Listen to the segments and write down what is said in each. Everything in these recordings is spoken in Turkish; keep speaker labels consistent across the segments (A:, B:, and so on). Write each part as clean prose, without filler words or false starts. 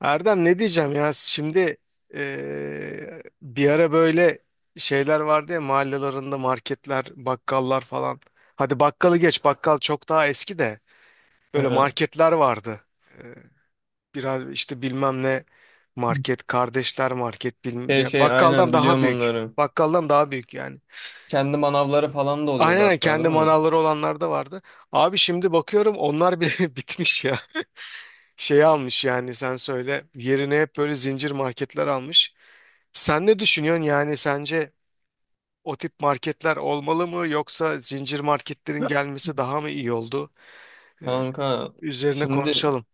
A: Erdem, ne diyeceğim ya şimdi, bir ara böyle şeyler vardı ya mahallelerinde marketler, bakkallar falan. Hadi bakkalı geç, bakkal çok daha eski, de böyle
B: Ha.
A: marketler vardı. Eee, Biraz işte bilmem ne market, kardeşler market bilmem
B: Şey
A: ya,
B: şey aynen
A: bakkaldan daha
B: biliyorum
A: büyük.
B: onları.
A: Bakkaldan daha büyük yani.
B: Kendi manavları falan da
A: Aynen
B: oluyordu
A: aynen,
B: hatta
A: kendi
B: değil mi?
A: manavları olanlar da vardı. Abi şimdi bakıyorum onlar bile bitmiş ya. Şey almış, yani sen söyle yerine hep böyle zincir marketler almış. Sen ne düşünüyorsun, yani sence o tip marketler olmalı mı, yoksa zincir marketlerin gelmesi daha mı iyi oldu? Ee,
B: Kanka
A: Üzerine
B: şimdi
A: konuşalım.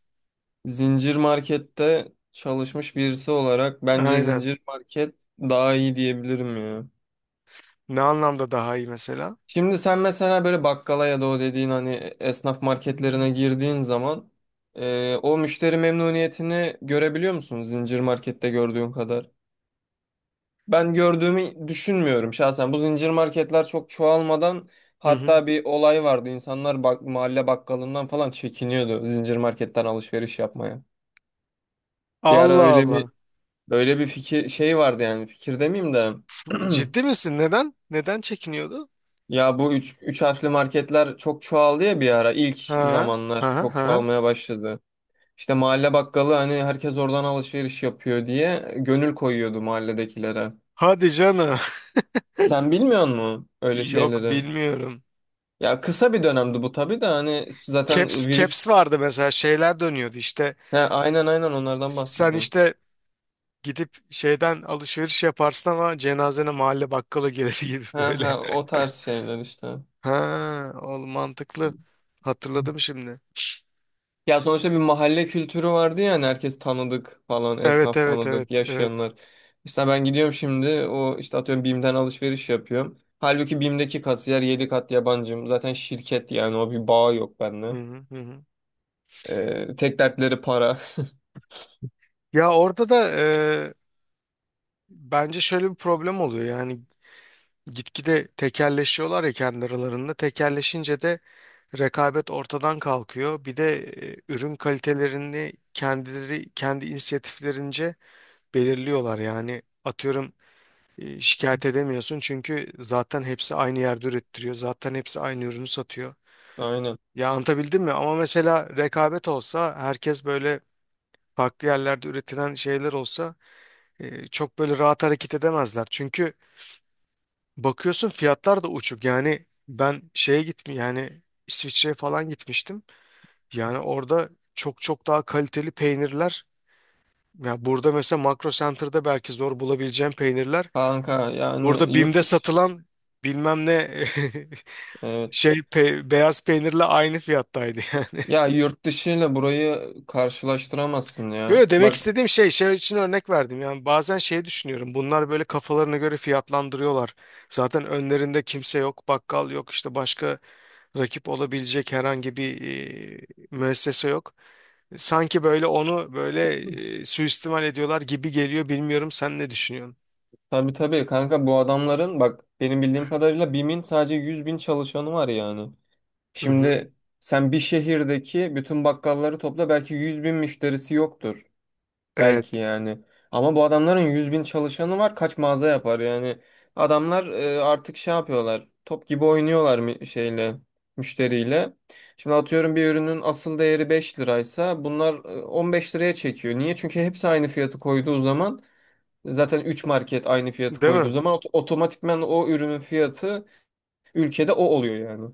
B: zincir markette çalışmış birisi olarak bence
A: Aynen.
B: zincir market daha iyi diyebilirim ya.
A: Ne anlamda daha iyi mesela?
B: Şimdi sen mesela böyle bakkala ya da o dediğin hani esnaf marketlerine girdiğin zaman o müşteri memnuniyetini görebiliyor musun zincir markette gördüğün kadar? Ben gördüğümü düşünmüyorum şahsen. Bu zincir marketler çok çoğalmadan
A: Hı hı.
B: hatta bir olay vardı. İnsanlar bak, mahalle bakkalından falan çekiniyordu zincir marketten alışveriş yapmaya. Bir ara
A: Allah
B: öyle bir
A: Allah.
B: öyle bir fikir şey vardı yani fikir demeyeyim de
A: Ciddi misin? Neden? Neden çekiniyordu?
B: ya bu üç harfli marketler çok çoğaldı ya bir ara ilk
A: Ha,
B: zamanlar
A: ha,
B: çok
A: ha.
B: çoğalmaya başladı. İşte mahalle bakkalı hani herkes oradan alışveriş yapıyor diye gönül koyuyordu mahalledekilere.
A: Hadi canım.
B: Sen bilmiyor musun öyle
A: Yok,
B: şeyleri?
A: bilmiyorum.
B: Ya kısa bir dönemdi bu tabii de hani zaten
A: Caps,
B: virüs...
A: caps vardı mesela, şeyler dönüyordu işte.
B: He, aynen aynen onlardan
A: Sen
B: bahsediyorum.
A: işte gidip şeyden alışveriş yaparsın, ama cenazene mahalle bakkala gelir gibi
B: He he
A: böyle.
B: o tarz şeyler işte.
A: Ha, oğlum mantıklı. Hatırladım şimdi.
B: Ya sonuçta bir mahalle kültürü vardı ya hani herkes tanıdık falan
A: Evet,
B: esnaf
A: evet,
B: tanıdık
A: evet, evet.
B: yaşayanlar. İşte ben gidiyorum şimdi o işte atıyorum BİM'den alışveriş yapıyorum. Halbuki BİM'deki kasiyer 7 kat yabancım. Zaten şirket yani o bir bağ yok
A: Hı
B: benimle.
A: hı, hı hı.
B: Tek dertleri para.
A: Ya orada da bence şöyle bir problem oluyor. Yani gitgide tekelleşiyorlar ya kendi aralarında. Tekelleşince de rekabet ortadan kalkıyor. Bir de ürün kalitelerini kendileri kendi inisiyatiflerince belirliyorlar. Yani atıyorum, şikayet edemiyorsun çünkü zaten hepsi aynı yerde ürettiriyor. Zaten hepsi aynı ürünü satıyor.
B: Aynen.
A: Ya, anlatabildim mi? Ama mesela rekabet olsa, herkes böyle farklı yerlerde üretilen şeyler olsa, çok böyle rahat hareket edemezler. Çünkü bakıyorsun fiyatlar da uçuk. Yani ben şeye gittim, yani İsviçre'ye falan gitmiştim. Yani orada çok çok daha kaliteli peynirler. Ya burada mesela Makro Center'da belki zor bulabileceğim peynirler.
B: Kanka
A: Burada
B: yani yurt
A: BİM'de
B: dışı.
A: satılan bilmem ne
B: Evet.
A: şey pe- beyaz peynirle aynı fiyattaydı yani.
B: Ya yurt dışı ile burayı karşılaştıramazsın ya.
A: Yo, demek
B: Bak
A: istediğim şey, şey için örnek verdim. Yani bazen şey düşünüyorum. Bunlar böyle kafalarına göre fiyatlandırıyorlar. Zaten önlerinde kimse yok, bakkal yok, işte başka rakip olabilecek herhangi bir e, müessese yok. Sanki böyle onu böyle suistimal ediyorlar gibi geliyor. Bilmiyorum, sen ne düşünüyorsun?
B: tabii tabii kanka bu adamların bak benim bildiğim kadarıyla BİM'in sadece 100.000 çalışanı var yani.
A: Hı hı.
B: Şimdi sen bir şehirdeki bütün bakkalları topla belki 100.000 müşterisi yoktur.
A: Evet,
B: Belki yani. Ama bu adamların 100.000 çalışanı var. Kaç mağaza yapar yani. Adamlar artık şey yapıyorlar. Top gibi oynuyorlar şeyle, müşteriyle. Şimdi atıyorum bir ürünün asıl değeri 5 liraysa bunlar 15 liraya çekiyor. Niye? Çünkü hepsi aynı fiyatı koyduğu zaman zaten 3 market aynı fiyatı
A: değil
B: koyduğu
A: mi?
B: zaman otomatikman o ürünün fiyatı ülkede o oluyor yani.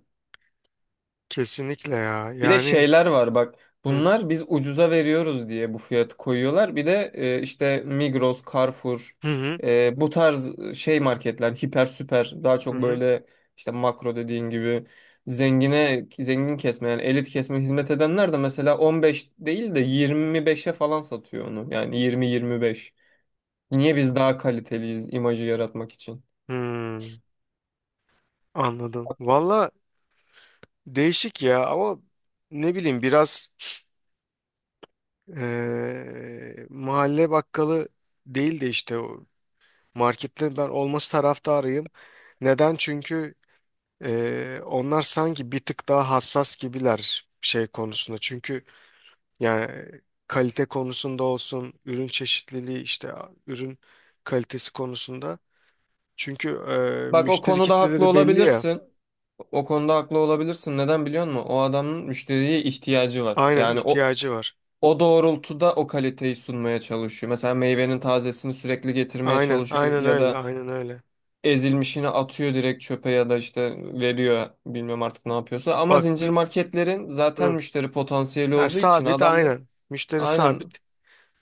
A: Kesinlikle ya.
B: Bir de
A: Yani
B: şeyler var bak.
A: hı
B: Bunlar biz ucuza veriyoruz diye bu fiyatı koyuyorlar. Bir de işte Migros, Carrefour
A: hı, hı
B: bu tarz şey marketler hiper süper daha
A: hı.
B: çok
A: Hı.
B: böyle işte makro dediğin gibi zengine zengin kesme yani elit kesme hizmet edenler de mesela 15 değil de 25'e falan satıyor onu. Yani 20-25. Niye biz daha kaliteliyiz imajı yaratmak için?
A: Hmm, anladım. Valla değişik ya, ama ne bileyim, biraz mahalle bakkalı değil de işte o marketlerin ben olması taraftarıyım. Neden? Çünkü onlar sanki bir tık daha hassas gibiler şey konusunda. Çünkü yani kalite konusunda olsun, ürün çeşitliliği işte, ürün kalitesi konusunda. Çünkü
B: Bak o
A: müşteri
B: konuda haklı
A: kitleleri belli ya.
B: olabilirsin. O konuda haklı olabilirsin. Neden biliyor musun? O adamın müşteriye ihtiyacı var.
A: Aynen,
B: Yani o
A: ihtiyacı var.
B: o doğrultuda o kaliteyi sunmaya çalışıyor. Mesela meyvenin tazesini sürekli getirmeye
A: Aynen,
B: çalışıyor
A: aynen
B: ya
A: öyle,
B: da
A: aynen öyle.
B: ezilmişini atıyor direkt çöpe ya da işte veriyor bilmiyorum artık ne yapıyorsa. Ama
A: Bak
B: zincir
A: bir,
B: marketlerin zaten
A: hı,
B: müşteri potansiyeli
A: ha,
B: olduğu için
A: sabit
B: adamlar
A: aynen. Müşteri
B: aynen
A: sabit.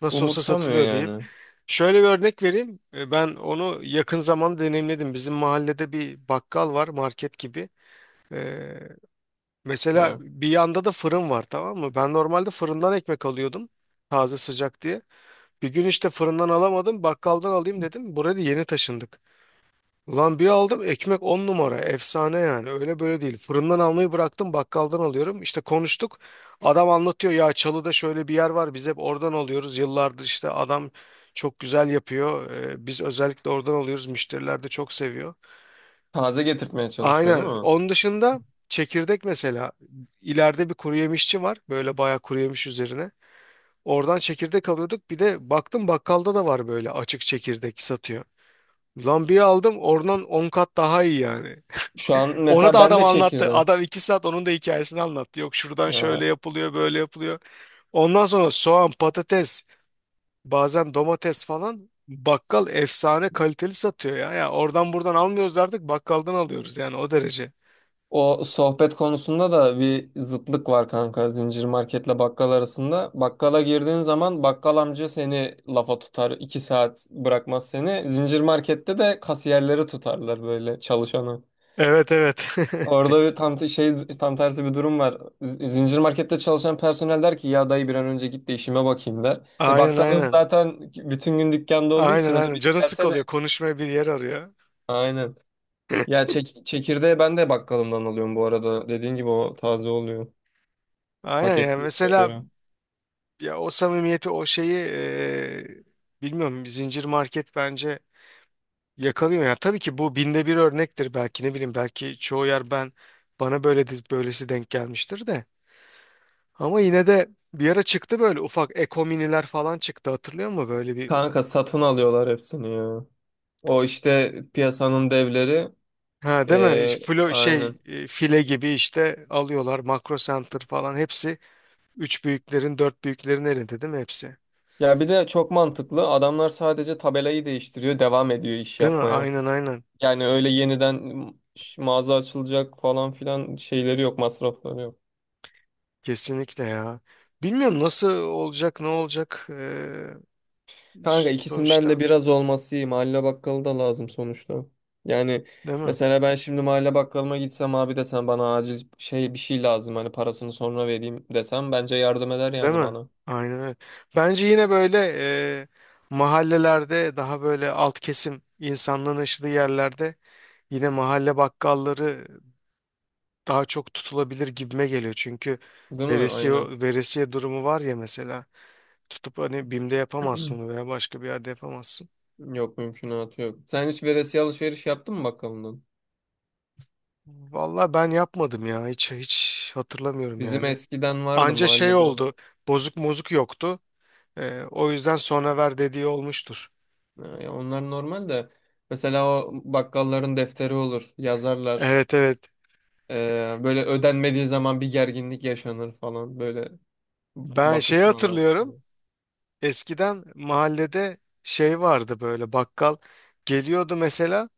A: Nasıl olsa
B: umursamıyor
A: satılıyor deyip.
B: yani.
A: Şöyle bir örnek vereyim. E, ben onu yakın zamanda deneyimledim. Bizim mahallede bir bakkal var, market gibi. E, Mesela
B: Ha,
A: bir yanda da fırın var, tamam mı? Ben normalde fırından ekmek alıyordum. Taze sıcak diye. Bir gün işte fırından alamadım, bakkaldan alayım dedim. Buraya da yeni taşındık. Ulan, bir aldım ekmek, 10 numara efsane, yani öyle böyle değil. Fırından almayı bıraktım, bakkaldan alıyorum. İşte konuştuk, adam anlatıyor ya, Çalı'da şöyle bir yer var, biz hep oradan alıyoruz. Yıllardır işte adam çok güzel yapıyor. Biz özellikle oradan alıyoruz, müşteriler de çok seviyor.
B: taze getirtmeye çalışıyor
A: Aynen,
B: değil mi?
A: onun dışında çekirdek mesela, ileride bir kuru yemişçi var böyle, bayağı kuru yemiş üzerine. Oradan çekirdek alıyorduk, bir de baktım bakkalda da var, böyle açık çekirdek satıyor. Lan, bir aldım oradan, 10 kat daha iyi yani.
B: Şu an
A: Onu
B: mesela
A: da
B: ben
A: adam
B: de
A: anlattı.
B: çekirdeğim.
A: Adam iki saat onun da hikayesini anlattı. Yok şuradan şöyle yapılıyor, böyle yapılıyor. Ondan sonra soğan, patates, bazen domates falan, bakkal efsane kaliteli satıyor ya. Ya oradan buradan almıyoruz artık, bakkaldan alıyoruz yani, o derece.
B: O sohbet konusunda da bir zıtlık var kanka zincir marketle bakkal arasında. Bakkala girdiğin zaman bakkal amca seni lafa tutar, iki saat bırakmaz seni. Zincir markette de kasiyerleri tutarlar böyle çalışanı.
A: Evet evet.
B: Orada bir tam te- şey tam tersi bir durum var. Zincir markette çalışan personel der ki ya dayı bir an önce git de işime bakayım der. E
A: Aynen
B: bakkalın
A: aynen.
B: zaten bütün gün dükkanda olduğu
A: Aynen
B: için o da
A: aynen.
B: biri
A: Canı
B: gelse
A: sıkılıyor.
B: de
A: Konuşmaya bir yer arıyor.
B: aynen. Ya çekirdeği ben de bakkalımdan alıyorum bu arada. Dediğin gibi o taze oluyor.
A: Aynen, yani
B: Paketliyorlar
A: mesela
B: göre.
A: ya o samimiyeti, o şeyi, bilmiyorum, zincir market bence yakalıyor ya. Tabii ki bu binde bir örnektir, belki ne bileyim, belki çoğu yer, ben bana böyle böylesi denk gelmiştir de. Ama yine de bir ara çıktı böyle, ufak ekominiler falan çıktı, hatırlıyor musun böyle bir,
B: Kanka satın alıyorlar hepsini ya. O işte piyasanın devleri.
A: ha değil mi?
B: eee,
A: Flo şey
B: aynen.
A: file gibi işte alıyorlar, makro center falan hepsi üç büyüklerin, dört büyüklerin elinde değil mi hepsi?
B: Ya bir de çok mantıklı. Adamlar sadece tabelayı değiştiriyor, devam ediyor iş
A: Değil mi?
B: yapmaya.
A: Aynen aynen.
B: Yani öyle yeniden mağaza açılacak falan filan şeyleri yok, masrafları yok.
A: Kesinlikle ya. Bilmiyorum nasıl olacak, ne olacak,
B: Kanka ikisinden de
A: sonuçta
B: biraz olması iyi. Mahalle bakkalı da lazım sonuçta. Yani
A: değil mi?
B: mesela ben şimdi mahalle bakkalıma gitsem abi desem bana acil şey bir şey lazım hani parasını sonra vereyim desem bence yardım eder
A: Değil
B: yani
A: mi?
B: bana.
A: Aynen öyle. Bence yine böyle e, mahallelerde, daha böyle alt kesim insanlığın yaşadığı yerlerde, yine mahalle bakkalları daha çok tutulabilir gibime geliyor. Çünkü
B: Değil mi?
A: veresiye,
B: Aynen.
A: veresiye durumu var ya mesela. Tutup hani BİM'de yapamazsın onu, veya başka bir yerde yapamazsın.
B: Yok mümkünatı yok. Sen hiç veresiye alışveriş yaptın mı bakkalından?
A: Vallahi ben yapmadım ya. Hiç hiç hatırlamıyorum
B: Bizim
A: yani.
B: eskiden vardı
A: Anca şey
B: mahallede.
A: oldu. Bozuk mozuk yoktu. E, o yüzden sonra ver dediği olmuştur.
B: Ha, ya onlar normal de. Mesela o bakkalların defteri olur. Yazarlar.
A: Evet evet.
B: Böyle ödenmediği zaman bir gerginlik yaşanır falan. Böyle
A: Ben şeyi
B: bakışmalar
A: hatırlıyorum.
B: falan.
A: Eskiden mahallede şey vardı böyle, bakkal geliyordu mesela,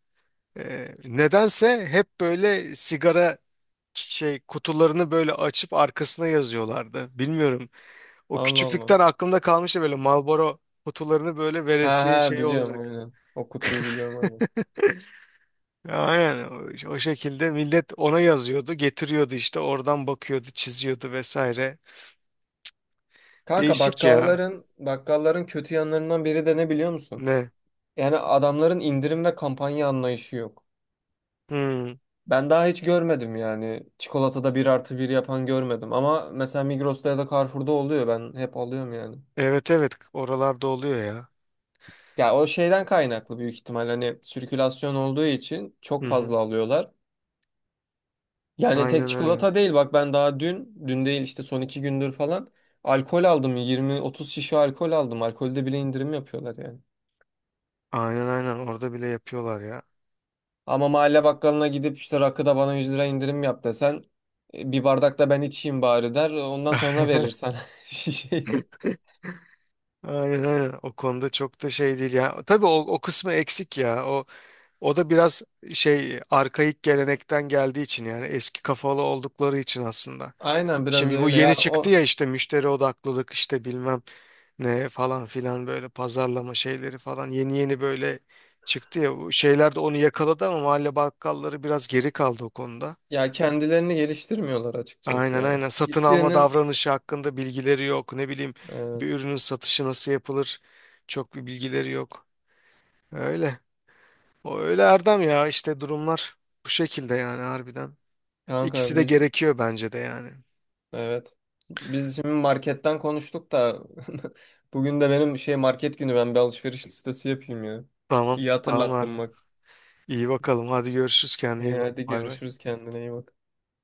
A: nedense hep böyle sigara şey kutularını böyle açıp arkasına yazıyorlardı. Bilmiyorum. O
B: Allah Allah.
A: küçüklükten aklımda kalmıştı böyle Marlboro kutularını böyle,
B: He
A: veresiye
B: he
A: şeyi
B: biliyorum
A: olarak.
B: aynen. O kutuyu biliyorum aynen.
A: Aynen, o, o şekilde millet ona yazıyordu, getiriyordu, işte oradan bakıyordu, çiziyordu vesaire.
B: Kanka
A: Değişik ya.
B: bakkalların kötü yanlarından biri de ne biliyor musun?
A: Ne?
B: Yani adamların indirim ve kampanya anlayışı yok.
A: Hmm.
B: Ben daha hiç görmedim yani. Çikolatada bir artı bir yapan görmedim. Ama mesela Migros'ta ya da Carrefour'da oluyor. Ben hep alıyorum yani.
A: Evet evet, oralarda oluyor ya.
B: Ya o şeyden kaynaklı büyük ihtimal. Hani sirkülasyon olduğu için
A: Hı
B: çok
A: hı.
B: fazla alıyorlar. Yani tek
A: Aynen öyle.
B: çikolata değil. Bak ben daha dün değil işte son iki gündür falan. Alkol aldım. 20-30 şişe alkol aldım. Alkolde bile indirim yapıyorlar yani.
A: Aynen aynen, orada bile yapıyorlar ya.
B: Ama mahalle bakkalına gidip işte rakıda bana 100 TL indirim yap desen bir bardak da ben içeyim bari der. Ondan sonra verir sana şişeyi.
A: Aynen aynen, o konuda çok da şey değil ya. Tabii o, o kısmı eksik ya. O, o da biraz şey, arkaik gelenekten geldiği için, yani eski kafalı oldukları için aslında.
B: Aynen biraz
A: Şimdi bu
B: öyle
A: yeni
B: ya
A: çıktı
B: o
A: ya, işte müşteri odaklılık, işte bilmem ne falan filan, böyle pazarlama şeyleri falan yeni yeni böyle çıktı ya. Bu şeyler de onu yakaladı, ama mahalle bakkalları biraz geri kaldı o konuda.
B: ya kendilerini geliştirmiyorlar açıkçası
A: Aynen
B: ya.
A: aynen. Satın alma
B: Hiçbirinin
A: davranışı hakkında bilgileri yok. Ne bileyim, bir
B: evet
A: ürünün satışı nasıl yapılır? Çok bir bilgileri yok. Öyle. O öyle Erdem ya, işte durumlar bu şekilde yani, harbiden.
B: kanka
A: İkisi de
B: biz
A: gerekiyor bence de yani.
B: evet biz şimdi marketten konuştuk da bugün de benim şey market günü ben bir alışveriş listesi yapayım ya.
A: Tamam.
B: İyi
A: Tamam
B: hatırlattın
A: Erdem.
B: bak.
A: İyi bakalım. Hadi görüşürüz. Kendine
B: İyi
A: iyi bak.
B: hadi
A: Bay bay.
B: görüşürüz kendine iyi bak.